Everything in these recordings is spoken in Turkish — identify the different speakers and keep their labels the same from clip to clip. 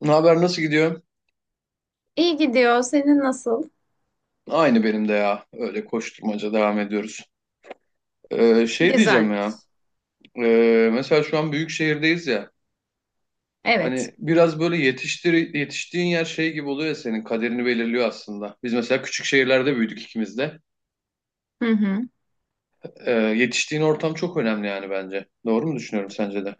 Speaker 1: Ne haber, nasıl gidiyor?
Speaker 2: İyi gidiyor. Senin nasıl?
Speaker 1: Aynı benim de ya. Öyle koşturmaca devam ediyoruz. Şey diyeceğim ya.
Speaker 2: Güzelmiş.
Speaker 1: Mesela şu an büyük şehirdeyiz ya.
Speaker 2: Evet.
Speaker 1: Hani biraz böyle yetiştiğin yer şey gibi oluyor ya, senin kaderini belirliyor aslında. Biz mesela küçük şehirlerde büyüdük ikimiz de.
Speaker 2: Hı hı.
Speaker 1: Yetiştiğin ortam çok önemli yani bence. Doğru mu düşünüyorum sence de?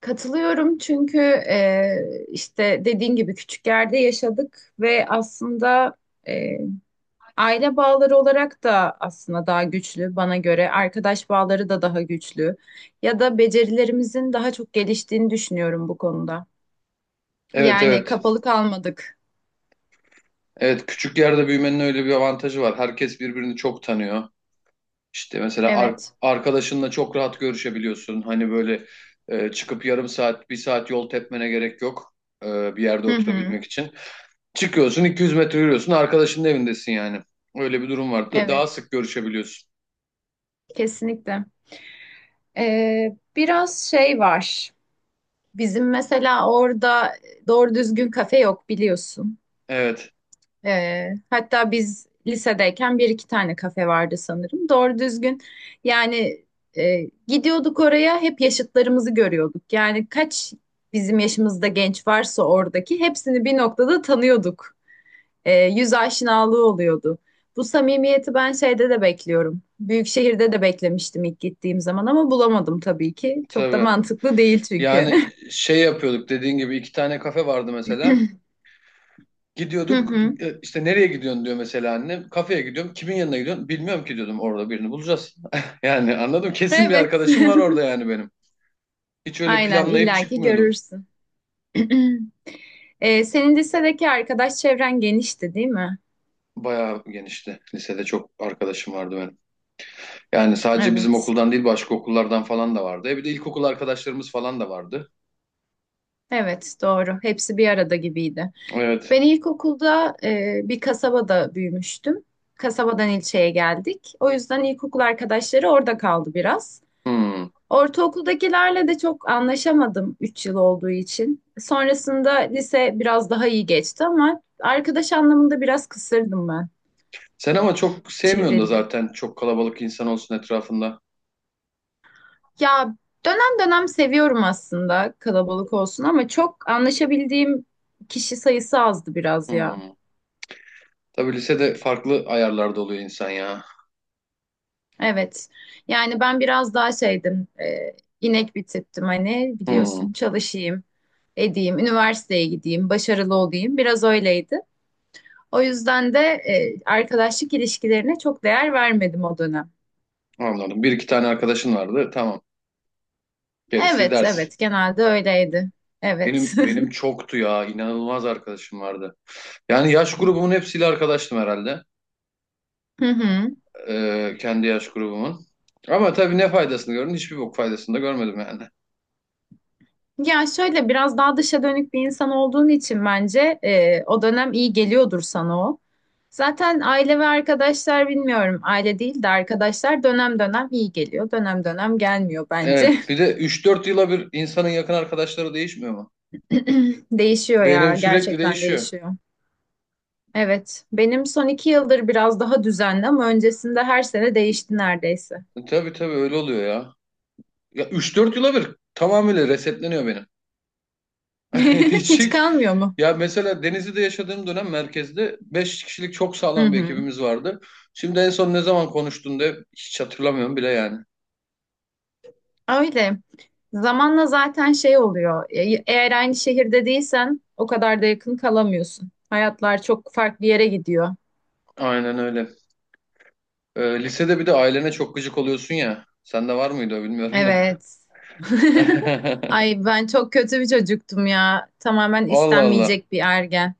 Speaker 2: Katılıyorum çünkü işte dediğin gibi küçük yerde yaşadık ve aslında e, aile bağları olarak da aslında daha güçlü bana göre. Arkadaş bağları da daha güçlü. Ya da becerilerimizin daha çok geliştiğini düşünüyorum bu konuda.
Speaker 1: Evet
Speaker 2: Yani
Speaker 1: evet.
Speaker 2: kapalı kalmadık.
Speaker 1: Evet, küçük yerde büyümenin öyle bir avantajı var. Herkes birbirini çok tanıyor. İşte mesela
Speaker 2: Evet.
Speaker 1: arkadaşınla çok rahat görüşebiliyorsun. Hani böyle çıkıp yarım saat, bir saat yol tepmene gerek yok bir yerde
Speaker 2: Hı hı.
Speaker 1: oturabilmek için. Çıkıyorsun 200 metre yürüyorsun, arkadaşının evindesin yani. Öyle bir durum var. Daha
Speaker 2: Evet.
Speaker 1: sık görüşebiliyorsun.
Speaker 2: Kesinlikle. Biraz şey var. Bizim mesela orada doğru düzgün kafe yok biliyorsun.
Speaker 1: Evet,
Speaker 2: Hatta biz lisedeyken bir iki tane kafe vardı sanırım. Doğru düzgün yani gidiyorduk oraya hep yaşıtlarımızı görüyorduk. Yani kaç bizim yaşımızda genç varsa oradaki hepsini bir noktada tanıyorduk. Yüz aşinalığı oluyordu. Bu samimiyeti ben şeyde de bekliyorum. Büyük şehirde de beklemiştim ilk gittiğim zaman ama bulamadım tabii ki. Çok da
Speaker 1: tabii.
Speaker 2: mantıklı değil çünkü.
Speaker 1: Yani şey yapıyorduk, dediğin gibi iki tane kafe vardı mesela.
Speaker 2: Hı
Speaker 1: Gidiyorduk
Speaker 2: hı.
Speaker 1: işte, nereye gidiyorsun diyor mesela annem. Kafeye gidiyorum. Kimin yanına gidiyorsun? Bilmiyorum ki diyordum, orada birini bulacağız. Yani anladım, kesin bir
Speaker 2: Evet.
Speaker 1: arkadaşım var orada yani benim. Hiç öyle
Speaker 2: Aynen
Speaker 1: planlayıp
Speaker 2: illaki
Speaker 1: çıkmıyordum.
Speaker 2: görürsün. Senin lisedeki arkadaş çevren genişti, değil mi?
Speaker 1: Bayağı genişti. Lisede çok arkadaşım vardı benim. Yani sadece bizim
Speaker 2: Evet.
Speaker 1: okuldan değil, başka okullardan falan da vardı. Bir de ilkokul arkadaşlarımız falan da vardı.
Speaker 2: Evet, doğru. Hepsi bir arada gibiydi.
Speaker 1: Evet.
Speaker 2: Ben ilkokulda bir kasabada büyümüştüm. Kasabadan ilçeye geldik. O yüzden ilkokul arkadaşları orada kaldı biraz.
Speaker 1: Hmm.
Speaker 2: Ortaokuldakilerle de çok anlaşamadım 3 yıl olduğu için. Sonrasında lise biraz daha iyi geçti ama arkadaş anlamında biraz kısırdım ben.
Speaker 1: Sen ama çok sevmiyorsun da
Speaker 2: Çevrildi.
Speaker 1: zaten çok kalabalık insan olsun etrafında.
Speaker 2: Ya dönem dönem seviyorum aslında kalabalık olsun ama çok anlaşabildiğim kişi sayısı azdı biraz ya.
Speaker 1: Hmm. Tabii lisede farklı ayarlarda oluyor insan ya.
Speaker 2: Evet. Yani ben biraz daha şeydim. İnek bir tiptim hani
Speaker 1: Hmm.
Speaker 2: biliyorsun çalışayım, edeyim, üniversiteye gideyim, başarılı olayım. Biraz öyleydi. O yüzden de arkadaşlık ilişkilerine çok değer vermedim o dönem.
Speaker 1: Anladım. Bir iki tane arkadaşın vardı. Tamam. Gerisi
Speaker 2: Evet,
Speaker 1: ders.
Speaker 2: evet genelde öyleydi.
Speaker 1: Benim
Speaker 2: Evet.
Speaker 1: benim çoktu ya. İnanılmaz arkadaşım vardı. Yani yaş grubumun hepsiyle arkadaştım herhalde.
Speaker 2: Hı hı.
Speaker 1: Kendi yaş grubumun. Ama tabii ne faydasını gördün? Hiçbir bok faydasını da görmedim yani.
Speaker 2: Ya şöyle biraz daha dışa dönük bir insan olduğun için bence o dönem iyi geliyordur sana o. Zaten aile ve arkadaşlar bilmiyorum aile değil de arkadaşlar dönem dönem iyi geliyor dönem dönem gelmiyor bence.
Speaker 1: Evet, bir de üç dört yıla bir insanın yakın arkadaşları değişmiyor mu?
Speaker 2: Değişiyor ya
Speaker 1: Benim sürekli
Speaker 2: gerçekten
Speaker 1: değişiyor.
Speaker 2: değişiyor. Evet benim son iki yıldır biraz daha düzenli ama öncesinde her sene değişti neredeyse.
Speaker 1: Tabii tabii, öyle oluyor ya. Ya üç dört yıla bir tamamıyla resetleniyor benim. Hiç
Speaker 2: Hiç
Speaker 1: hiç.
Speaker 2: kalmıyor mu?
Speaker 1: Ya mesela Denizli'de yaşadığım dönem merkezde 5 kişilik çok
Speaker 2: Hı
Speaker 1: sağlam bir
Speaker 2: hı.
Speaker 1: ekibimiz vardı. Şimdi en son ne zaman konuştuğunda hiç hatırlamıyorum bile yani.
Speaker 2: Öyle. Zamanla zaten şey oluyor. Eğer aynı şehirde değilsen o kadar da yakın kalamıyorsun. Hayatlar çok farklı yere gidiyor.
Speaker 1: Aynen öyle. Lisede bir de ailene çok gıcık oluyorsun ya. Sende var mıydı o, bilmiyorum da.
Speaker 2: Evet. Ay ben çok kötü bir çocuktum ya. Tamamen
Speaker 1: Allah Allah.
Speaker 2: istenmeyecek bir ergen.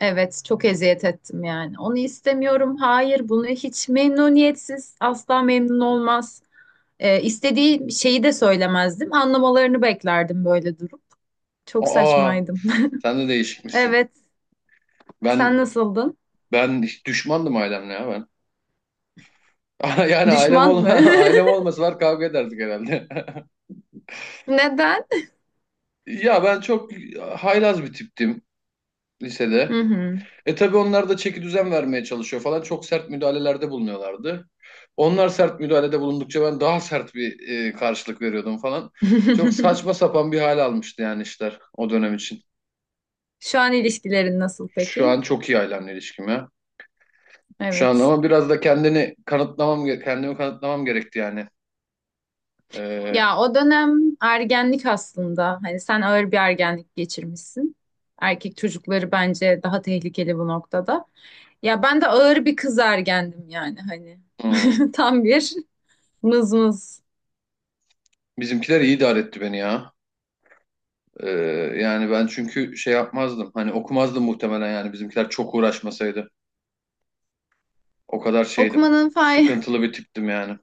Speaker 2: Evet, çok eziyet ettim yani. Onu istemiyorum. Hayır, bunu hiç memnuniyetsiz. Asla memnun olmaz. İstediği şeyi de söylemezdim. Anlamalarını beklerdim böyle durup. Çok
Speaker 1: Aa,
Speaker 2: saçmaydım.
Speaker 1: sen de değişikmişsin.
Speaker 2: Evet.
Speaker 1: Ben
Speaker 2: Sen nasıldın?
Speaker 1: ben hiç düşmandım ailemle ya ben. Yani ailem
Speaker 2: Düşman
Speaker 1: ol
Speaker 2: mı?
Speaker 1: ailem olmasalar kavga ederdik herhalde.
Speaker 2: Neden?
Speaker 1: Ya ben çok haylaz bir tiptim
Speaker 2: Hı
Speaker 1: lisede.
Speaker 2: hı.
Speaker 1: Tabii onlar da çeki düzen vermeye çalışıyor falan. Çok sert müdahalelerde bulunuyorlardı. Onlar sert müdahalede bulundukça ben daha sert bir karşılık veriyordum falan. Çok saçma sapan bir hal almıştı yani işler o dönem için.
Speaker 2: Şu an ilişkilerin nasıl
Speaker 1: Şu
Speaker 2: peki?
Speaker 1: an çok iyi ailemle ilişkim ya. Şu an
Speaker 2: Evet.
Speaker 1: ama biraz da kendimi kanıtlamam gerekti yani. Ee,
Speaker 2: Ya o dönem ergenlik aslında. Hani sen ağır bir ergenlik geçirmişsin. Erkek çocukları bence daha tehlikeli bu noktada. Ya ben de ağır bir kız ergendim yani hani.
Speaker 1: hmm.
Speaker 2: Tam bir mızmız.
Speaker 1: Bizimkiler iyi idare etti beni ya. Ee, Yani ben çünkü şey yapmazdım. Hani okumazdım muhtemelen yani, bizimkiler çok uğraşmasaydı. O kadar şeydim.
Speaker 2: Okumanın fay.
Speaker 1: Sıkıntılı bir tiptim yani.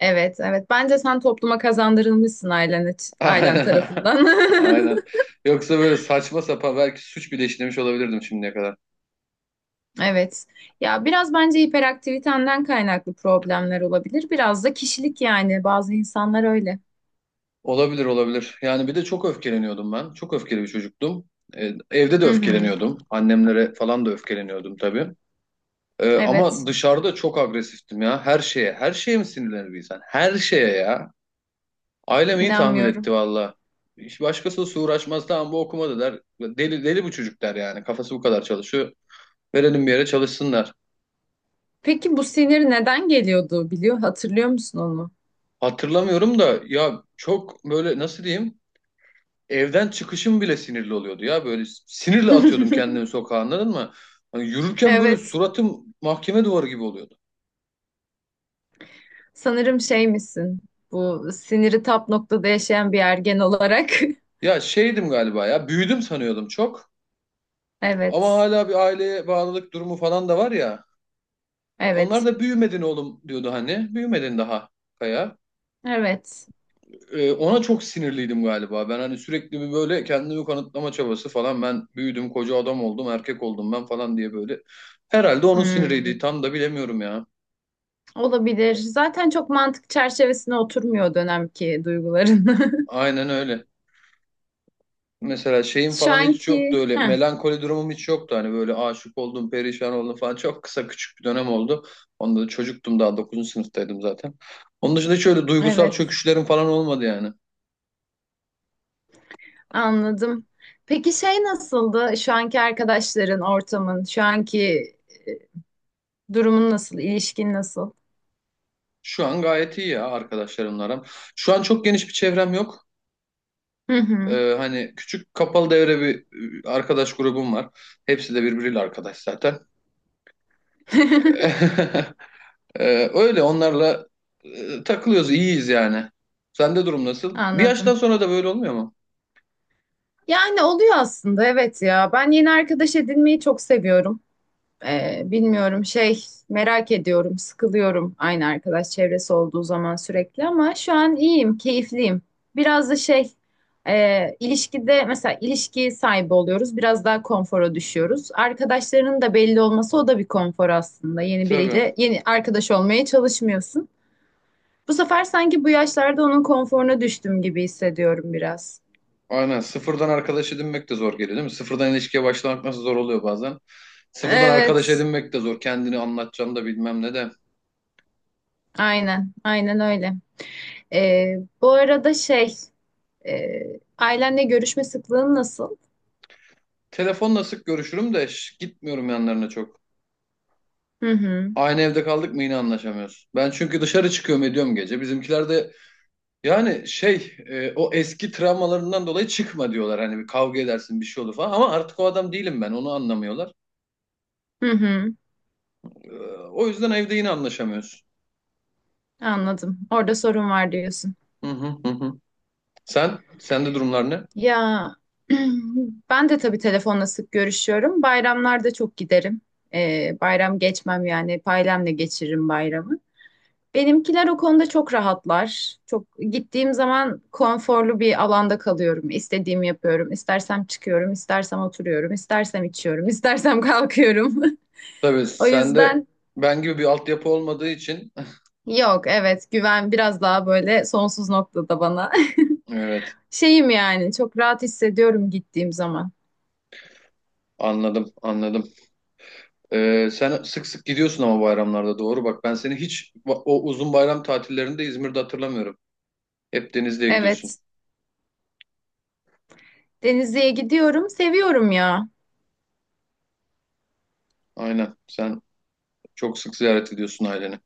Speaker 2: Evet, evet. Bence sen topluma kazandırılmışsın ailen, ailen
Speaker 1: Aynen.
Speaker 2: tarafından.
Speaker 1: Aynen. Yoksa böyle saçma sapan, belki suç bile işlemiş olabilirdim şimdiye kadar.
Speaker 2: Evet. Ya biraz bence hiperaktivitenden kaynaklı problemler olabilir. Biraz da kişilik yani. Bazı insanlar öyle.
Speaker 1: Olabilir olabilir. Yani bir de çok öfkeleniyordum ben. Çok öfkeli bir çocuktum. Evde de
Speaker 2: Hı hı.
Speaker 1: öfkeleniyordum. Annemlere falan da öfkeleniyordum tabii. Ama
Speaker 2: Evet.
Speaker 1: dışarıda çok agresiftim ya. Her şeye. Her şeye mi sinirlenir bir insan? Her şeye ya. Ailem iyi tahmin etti
Speaker 2: İnanmıyorum.
Speaker 1: valla. Hiç başkası uğraşmaz. Tamam, bu okumadı der. Deli, deli bu çocuk der yani. Kafası bu kadar çalışıyor. Verelim bir yere, çalışsınlar.
Speaker 2: Peki bu sinir neden geliyordu biliyor? Hatırlıyor musun onu?
Speaker 1: Hatırlamıyorum da ya, çok böyle nasıl diyeyim? Evden çıkışım bile sinirli oluyordu ya. Böyle sinirle atıyordum kendimi sokağa, anladın mı? Hani yürürken böyle
Speaker 2: Evet.
Speaker 1: suratım mahkeme duvarı gibi oluyordu.
Speaker 2: Sanırım şey misin? Bu siniri tap noktada yaşayan bir ergen olarak.
Speaker 1: Ya şeydim galiba ya. Büyüdüm sanıyordum çok. Ama
Speaker 2: Evet.
Speaker 1: hala bir aileye bağlılık durumu falan da var ya. Onlar
Speaker 2: Evet.
Speaker 1: da büyümedin oğlum diyordu hani. Büyümedin daha Kaya.
Speaker 2: Evet.
Speaker 1: Ona çok sinirliydim galiba. Ben hani sürekli bir böyle kendimi kanıtlama çabası falan. Ben büyüdüm, koca adam oldum, erkek oldum ben falan diye böyle. Herhalde onun siniriydi.
Speaker 2: Hmm.
Speaker 1: Tam da bilemiyorum ya.
Speaker 2: Olabilir. Zaten çok mantık çerçevesine oturmuyor o dönemki duyguların.
Speaker 1: Aynen öyle. Mesela şeyim
Speaker 2: Şu
Speaker 1: falan hiç yoktu,
Speaker 2: anki...
Speaker 1: öyle
Speaker 2: Heh.
Speaker 1: melankoli durumum hiç yoktu, hani böyle aşık oldum perişan oldum falan çok kısa küçük bir dönem oldu. Onda da çocuktum, daha dokuzuncu sınıftaydım zaten. Onun dışında hiç öyle duygusal
Speaker 2: Evet.
Speaker 1: çöküşlerim falan olmadı yani.
Speaker 2: Anladım. Peki şey nasıldı? Şu anki arkadaşların, ortamın, şu anki durumun nasıl, ilişkin nasıl?
Speaker 1: Şu an gayet iyi ya arkadaşlarımla aram. Şu an çok geniş bir çevrem yok.
Speaker 2: Hı hı.
Speaker 1: Hani küçük kapalı devre bir arkadaş grubum var. Hepsi de birbiriyle arkadaş zaten. Öyle onlarla takılıyoruz, iyiyiz yani. Sende durum nasıl? Bir yaştan
Speaker 2: Anladım.
Speaker 1: sonra da böyle olmuyor mu?
Speaker 2: Yani oluyor aslında evet ya. Ben yeni arkadaş edinmeyi çok seviyorum. Bilmiyorum şey merak ediyorum, sıkılıyorum aynı arkadaş çevresi olduğu zaman sürekli ama şu an iyiyim, keyifliyim. Biraz da şey ilişkide mesela ilişki sahibi oluyoruz, biraz daha konfora düşüyoruz. Arkadaşlarının da belli olması o da bir konfor aslında. Yeni
Speaker 1: Tabii.
Speaker 2: biriyle yeni arkadaş olmaya çalışmıyorsun. Bu sefer sanki bu yaşlarda onun konforuna düştüm gibi hissediyorum biraz.
Speaker 1: Aynen. Sıfırdan arkadaş edinmek de zor geliyor değil mi? Sıfırdan ilişkiye başlamak nasıl zor oluyor bazen. Sıfırdan arkadaş
Speaker 2: Evet,
Speaker 1: edinmek de zor. Kendini anlatacağını da bilmem ne de.
Speaker 2: aynen, aynen öyle. Ee, Bu arada şey. Ailenle görüşme sıklığın nasıl?
Speaker 1: Telefonla sık görüşürüm de, gitmiyorum yanlarına çok.
Speaker 2: Hı hı.
Speaker 1: Aynı evde kaldık mı yine anlaşamıyoruz. Ben çünkü dışarı çıkıyorum ediyorum gece. Bizimkiler de yani şey o eski travmalarından dolayı çıkma diyorlar. Hani bir kavga edersin, bir şey olur falan. Ama artık o adam değilim ben, onu anlamıyorlar.
Speaker 2: Hı hı.
Speaker 1: E, O yüzden evde yine anlaşamıyoruz.
Speaker 2: Anladım. Orada sorun var diyorsun.
Speaker 1: Hı hı hı, hı. Sen? Sende durumlar ne?
Speaker 2: Ya ben de tabii telefonla sık görüşüyorum. Bayramlarda çok giderim. Bayram geçmem yani. Hep ailemle geçiririm bayramı. Benimkiler o konuda çok rahatlar. Çok gittiğim zaman konforlu bir alanda kalıyorum. İstediğimi yapıyorum. İstersem çıkıyorum, istersem oturuyorum, istersem içiyorum, istersem kalkıyorum.
Speaker 1: Tabii,
Speaker 2: O
Speaker 1: sende
Speaker 2: yüzden
Speaker 1: ben gibi bir altyapı olmadığı için.
Speaker 2: Yok evet güven biraz daha böyle sonsuz noktada bana.
Speaker 1: Evet,
Speaker 2: Şeyim yani çok rahat hissediyorum gittiğim zaman.
Speaker 1: anladım anladım. Sen sık sık gidiyorsun ama bayramlarda, doğru bak, ben seni hiç o uzun bayram tatillerinde İzmir'de hatırlamıyorum. Hep Denizli'ye gidiyorsun.
Speaker 2: Evet Denizli'ye gidiyorum seviyorum ya.
Speaker 1: Aynen, sen çok sık ziyaret ediyorsun aileni.